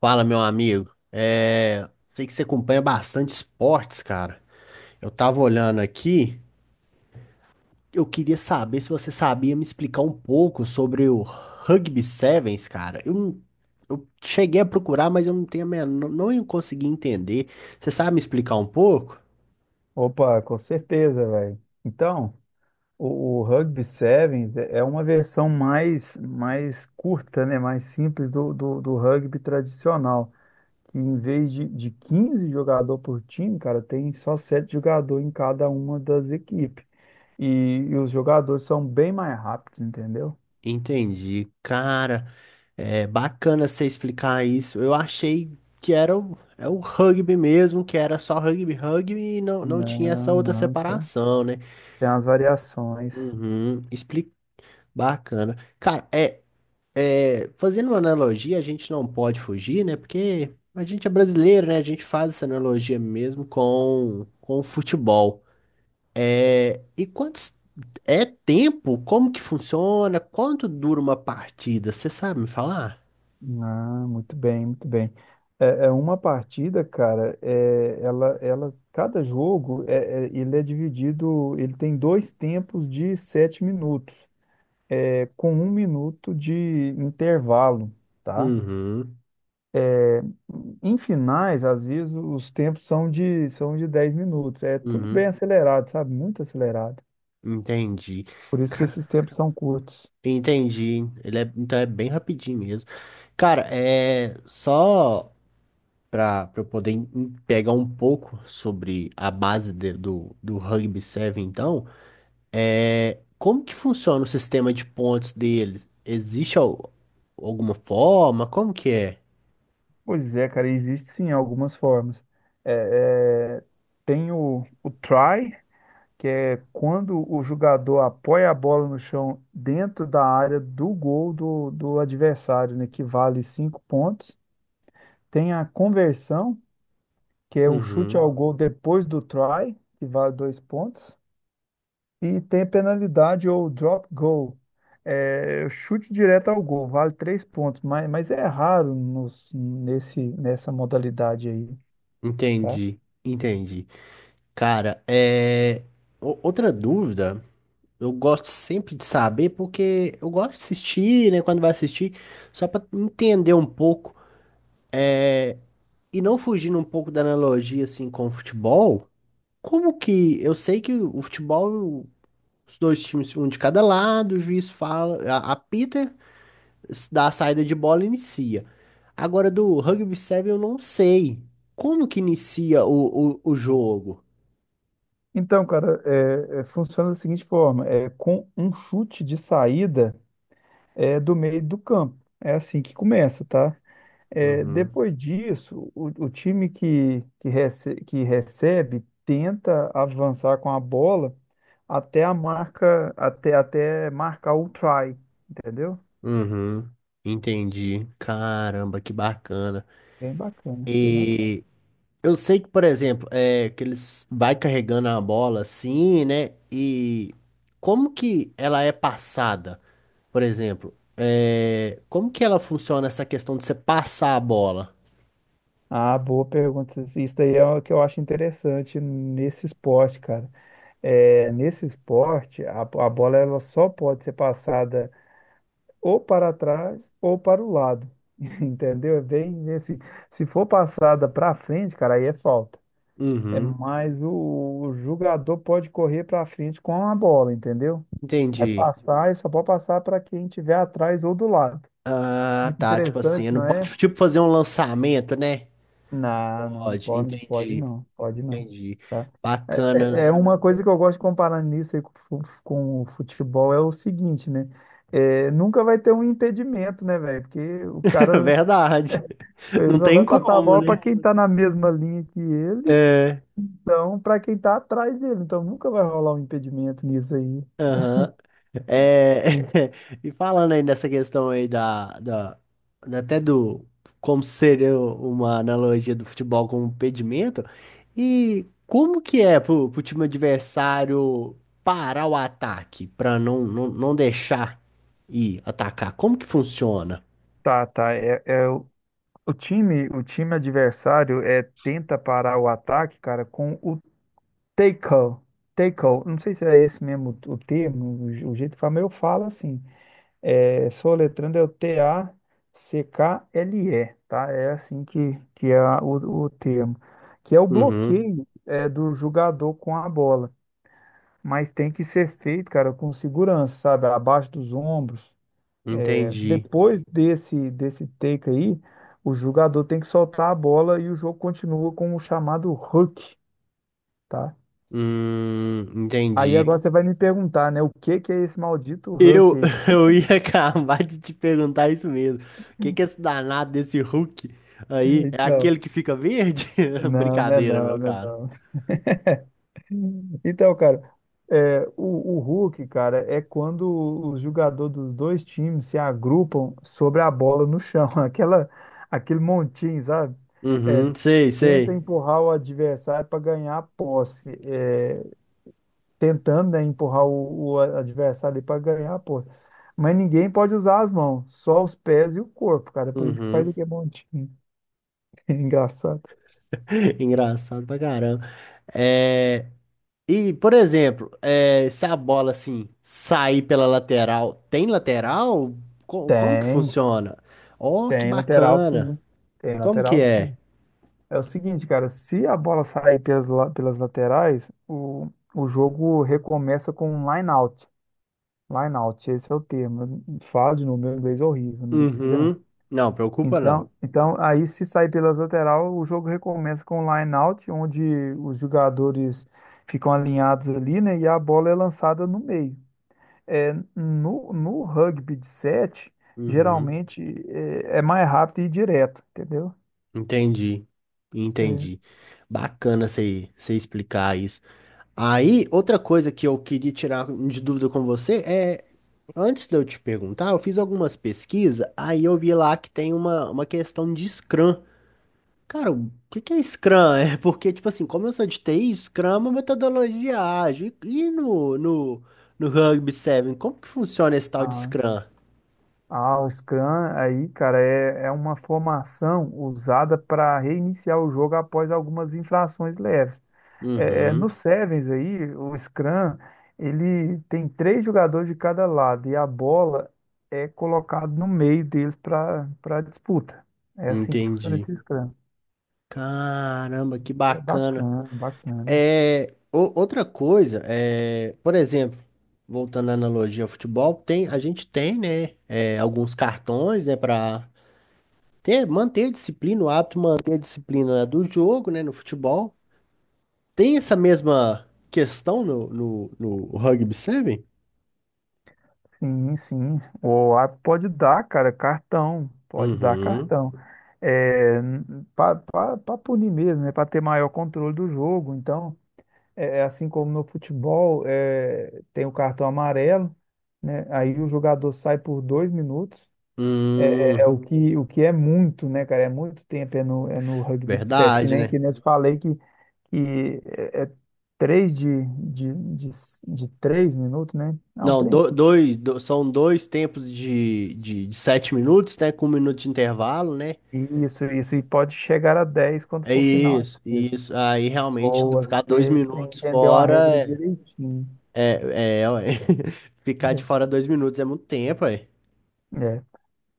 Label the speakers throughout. Speaker 1: Fala, meu amigo. É, sei que você acompanha bastante esportes, cara. Eu tava olhando aqui, eu queria saber se você sabia me explicar um pouco sobre o Rugby Sevens, cara. Eu, não- Eu cheguei a procurar, mas eu não tenho a menor, não consegui entender. Você sabe me explicar um pouco?
Speaker 2: Opa, com certeza, velho. Então, o Rugby Sevens é uma versão mais curta, né? Mais simples do rugby tradicional. Que em vez de 15 jogadores por time, cara, tem só 7 jogadores em cada uma das equipes. E, e os jogadores são bem mais rápidos, entendeu?
Speaker 1: Entendi, cara. É bacana você explicar isso. Eu achei que é o rugby mesmo, que era só rugby e não tinha essa
Speaker 2: Não,
Speaker 1: outra
Speaker 2: não, tem.
Speaker 1: separação, né?
Speaker 2: Tem as variações.
Speaker 1: Uhum, explica. Bacana. Cara, é, é, fazendo uma analogia, a gente não pode fugir, né? Porque a gente é brasileiro, né? A gente faz essa analogia mesmo com o futebol. É, e quantos é tempo? Como que funciona? Quanto dura uma partida? Você sabe me falar?
Speaker 2: Ah, muito bem, muito bem. É uma partida, cara, cada jogo, ele é dividido, ele tem dois tempos de 7 minutos, com 1 minuto de intervalo, tá?
Speaker 1: Uhum,
Speaker 2: Em finais, às vezes, os tempos são de 10 minutos. É tudo bem
Speaker 1: uhum,
Speaker 2: acelerado, sabe? Muito acelerado.
Speaker 1: entendi.
Speaker 2: Por isso que
Speaker 1: Ca-
Speaker 2: esses tempos são curtos.
Speaker 1: Entendi. Ele é, então é bem rapidinho mesmo. Cara, é só, para eu poder pegar um pouco sobre a base do Rugby 7, então, é, como que funciona o sistema de pontos deles? Existe alguma forma? Como que é?
Speaker 2: Pois é, cara, existe sim algumas formas. É, é, tem o try, que é quando o jogador apoia a bola no chão dentro da área do gol do adversário, né, que vale 5 pontos. Tem a conversão, que é um chute ao
Speaker 1: Uhum,
Speaker 2: gol depois do try, que vale 2 pontos. E tem a penalidade ou drop goal, chute direto ao gol, vale 3 pontos, mas é raro nessa modalidade aí, tá?
Speaker 1: entendi. Cara, é, outra dúvida, eu gosto sempre de saber, porque eu gosto de assistir, né, quando vai assistir, só para entender um pouco, e não fugindo um pouco da analogia, assim, com o futebol. Como que eu sei que o futebol, os dois times, um de cada lado, o juiz fala, apita, dá a saída de bola e inicia. Agora do rugby 7 eu não sei. Como que inicia o jogo?
Speaker 2: Então, cara, funciona da seguinte forma: com um chute de saída. Do meio do campo. É assim que começa, tá? É,
Speaker 1: Uhum,
Speaker 2: depois disso, o time que recebe tenta avançar com a bola até a marca, até marcar o try, entendeu?
Speaker 1: uhum, entendi. Caramba, que bacana.
Speaker 2: Bem bacana, bem bacana.
Speaker 1: E eu sei que, por exemplo, é que eles vai carregando a bola assim, né? E como que ela é passada? Por exemplo, é, como que ela funciona essa questão de você passar a bola?
Speaker 2: Ah, boa pergunta. Isso daí é o que eu acho interessante nesse esporte, cara. Nesse esporte, a bola ela só pode ser passada ou para trás ou para o lado. Entendeu? É bem nesse. Se for passada para frente, cara, aí é falta. É
Speaker 1: Uhum,
Speaker 2: mais o jogador pode correr para frente com a bola, entendeu? Vai
Speaker 1: entendi.
Speaker 2: passar e só pode passar para quem estiver atrás ou do lado.
Speaker 1: Ah,
Speaker 2: Muito
Speaker 1: tá, tipo assim,
Speaker 2: interessante,
Speaker 1: não
Speaker 2: não é?
Speaker 1: pode tipo fazer um lançamento, né?
Speaker 2: Não, não, não
Speaker 1: Pode,
Speaker 2: pode, não pode
Speaker 1: entendi,
Speaker 2: não, pode não.
Speaker 1: entendi.
Speaker 2: Tá? É
Speaker 1: Bacana.
Speaker 2: uma coisa que eu gosto de comparar nisso aí com o futebol é o seguinte, né? Nunca vai ter um impedimento, né, velho? Porque o cara
Speaker 1: Verdade.
Speaker 2: ele
Speaker 1: Não
Speaker 2: só vai
Speaker 1: tem
Speaker 2: passar a
Speaker 1: como,
Speaker 2: bola
Speaker 1: né?
Speaker 2: para quem está na mesma linha que ele,
Speaker 1: É.
Speaker 2: então para quem está atrás dele. Então nunca vai rolar um impedimento nisso aí.
Speaker 1: Aham. É, e falando aí nessa questão aí até do como seria uma analogia do futebol com o pedimento, e como que é pro time adversário parar o ataque para não deixar ir atacar? Como que funciona?
Speaker 2: Tá, tá. É o time adversário tenta parar o ataque, cara, com o tackle. Tackle. Não sei se é esse mesmo o termo, o jeito que fala, mas eu falo assim. Soletrando é o Tackle, tá? É assim que é o termo. Que é o
Speaker 1: Uhum,
Speaker 2: bloqueio do jogador com a bola. Mas tem que ser feito, cara, com segurança, sabe? Abaixo dos ombros.
Speaker 1: entendi.
Speaker 2: Depois desse take aí, o jogador tem que soltar a bola e o jogo continua com o chamado hook, tá? Aí
Speaker 1: Entendi.
Speaker 2: agora você vai me perguntar, né? O que que é esse maldito hook
Speaker 1: Eu,
Speaker 2: aí?
Speaker 1: eu ia acabar de te perguntar isso mesmo. O que que é esse danado desse Hulk aí? É
Speaker 2: Então,
Speaker 1: aquele que fica verde?
Speaker 2: não, não, é
Speaker 1: Brincadeira, meu
Speaker 2: não, não, é
Speaker 1: cara.
Speaker 2: não. Então, cara, é, o, o hook, cara, é quando os jogadores dos dois times se agrupam sobre a bola no chão, aquele montinho, sabe? É,
Speaker 1: Uhum, sei,
Speaker 2: tenta
Speaker 1: sei.
Speaker 2: empurrar o adversário para ganhar a posse, tentando, né, empurrar o adversário para ganhar a posse. Mas ninguém pode usar as mãos, só os pés e o corpo, cara. Por isso que faz
Speaker 1: Uhum.
Speaker 2: aqui é bom. Engraçado.
Speaker 1: Engraçado pra caramba. É... E, por exemplo, é, se a bola assim sair pela lateral, tem lateral? Como que
Speaker 2: Tem,
Speaker 1: funciona? Oh, que
Speaker 2: tem lateral
Speaker 1: bacana.
Speaker 2: sim. Tem
Speaker 1: Como que
Speaker 2: lateral
Speaker 1: é?
Speaker 2: sim. É o seguinte, cara, se a bola sair pelas laterais, o jogo recomeça com um line out. Line out, esse é o termo. Fala de novo, meu inglês é horrível, não liga não.
Speaker 1: Uhum. Não, preocupa não.
Speaker 2: Então, aí se sair pelas lateral, o jogo recomeça com um line-out, onde os jogadores ficam alinhados ali, né? E a bola é lançada no meio. No rugby de sete,
Speaker 1: Uhum.
Speaker 2: geralmente é mais rápido e direto, entendeu?
Speaker 1: Entendi,
Speaker 2: É.
Speaker 1: entendi. Bacana você explicar isso. Aí, outra coisa que eu queria tirar de dúvida com você é, antes de eu te perguntar, eu fiz algumas pesquisas, aí eu vi lá que tem uma questão de Scrum. Cara, o que que é Scrum? É porque, tipo assim, como eu sou de TI, Scrum é uma metodologia ágil. E no Rugby 7, como que funciona esse tal de
Speaker 2: Ah,
Speaker 1: Scrum?
Speaker 2: ah, o Scrum aí, cara, é uma formação usada para reiniciar o jogo após algumas infrações leves. No
Speaker 1: Uhum,
Speaker 2: Sevens aí, o Scrum, ele tem três jogadores de cada lado e a bola é colocada no meio deles para disputa. É assim que funciona
Speaker 1: entendi.
Speaker 2: esse Scrum.
Speaker 1: Caramba, que
Speaker 2: É
Speaker 1: bacana.
Speaker 2: bacana, bacana.
Speaker 1: É, outra coisa, é, por exemplo, voltando à analogia ao futebol, tem, a gente tem, né, é, alguns cartões, né, para ter, manter a disciplina, o hábito de manter a disciplina do jogo, né, no futebol. Tem essa mesma questão no Rugby 7?
Speaker 2: Sim, sim. O árbitro pode dar, cara, cartão. Pode dar
Speaker 1: Uhum.
Speaker 2: cartão. É, para punir mesmo, né? Para ter maior controle do jogo. Então, é assim como no futebol, tem o cartão amarelo, né? Aí o jogador sai por 2 minutos. É, é- é
Speaker 1: Hum,
Speaker 2: o que, o que é muito, né, cara? É muito tempo, é no rugby de sete, que
Speaker 1: verdade,
Speaker 2: nem,
Speaker 1: né?
Speaker 2: que nem eu te falei que é três de 3 minutos, né? Não,
Speaker 1: Não,
Speaker 2: três sim.
Speaker 1: dois, são dois tempos de 7 minutos, né, com 1 minuto de intervalo, né?
Speaker 2: Isso, e pode chegar a 10 quando
Speaker 1: É
Speaker 2: for final.
Speaker 1: isso, isso. Aí realmente
Speaker 2: Boa,
Speaker 1: ficar dois
Speaker 2: você
Speaker 1: minutos
Speaker 2: entendeu a
Speaker 1: fora
Speaker 2: regra direitinho.
Speaker 1: ué. Ficar de fora 2 minutos é muito tempo, ué.
Speaker 2: É.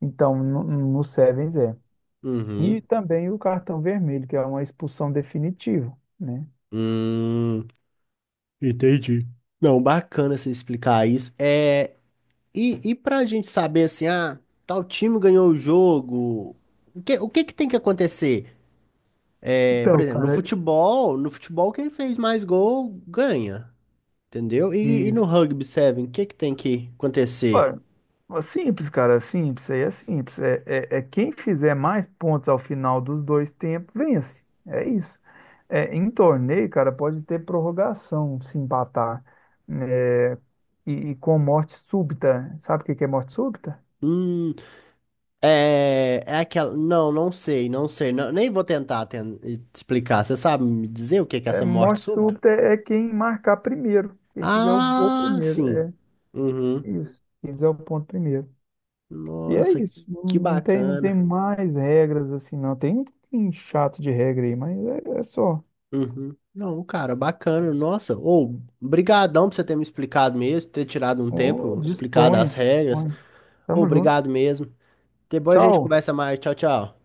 Speaker 2: Então, no Sevens é. E
Speaker 1: Uhum.
Speaker 2: também o cartão vermelho, que é uma expulsão definitiva, né?
Speaker 1: Hum, entendi. Não, bacana você explicar isso. É, e pra gente saber assim, ah, tal time ganhou o jogo. O que tem que acontecer? É, por
Speaker 2: Então,
Speaker 1: exemplo, no
Speaker 2: cara,
Speaker 1: futebol, no futebol quem fez mais gol ganha, entendeu? E no
Speaker 2: isso.
Speaker 1: rugby Seven, o que que tem que acontecer?
Speaker 2: Olha, é simples, cara, é simples, aí é simples. Quem fizer mais pontos ao final dos dois tempos, vence. É isso. Em torneio, cara, pode ter prorrogação se empatar. É, e com morte súbita. Sabe o que que é morte súbita?
Speaker 1: Hum. É, é aquela. Não, não sei. Nem vou tentar explicar. Você sabe me dizer o que que é
Speaker 2: É,
Speaker 1: essa morte
Speaker 2: morte
Speaker 1: súbita?
Speaker 2: súbita é quem marcar primeiro. Quem fizer o gol
Speaker 1: Ah,
Speaker 2: primeiro.
Speaker 1: sim.
Speaker 2: É
Speaker 1: Uhum.
Speaker 2: isso. Quem fizer o ponto primeiro. E é
Speaker 1: Nossa,
Speaker 2: isso, não
Speaker 1: que
Speaker 2: não tem, não tem
Speaker 1: bacana.
Speaker 2: mais regras assim, não. Tem um pouquinho chato de regra aí, mas é só.
Speaker 1: Uhum. Não, cara, bacana. Nossa, ou brigadão por você ter me explicado mesmo, ter tirado um
Speaker 2: Ô,
Speaker 1: tempo, explicado as
Speaker 2: disponha,
Speaker 1: regras.
Speaker 2: disponha.
Speaker 1: Ou
Speaker 2: Tamo junto.
Speaker 1: obrigado mesmo. Depois a gente
Speaker 2: Tchau.
Speaker 1: conversa mais. Tchau, tchau.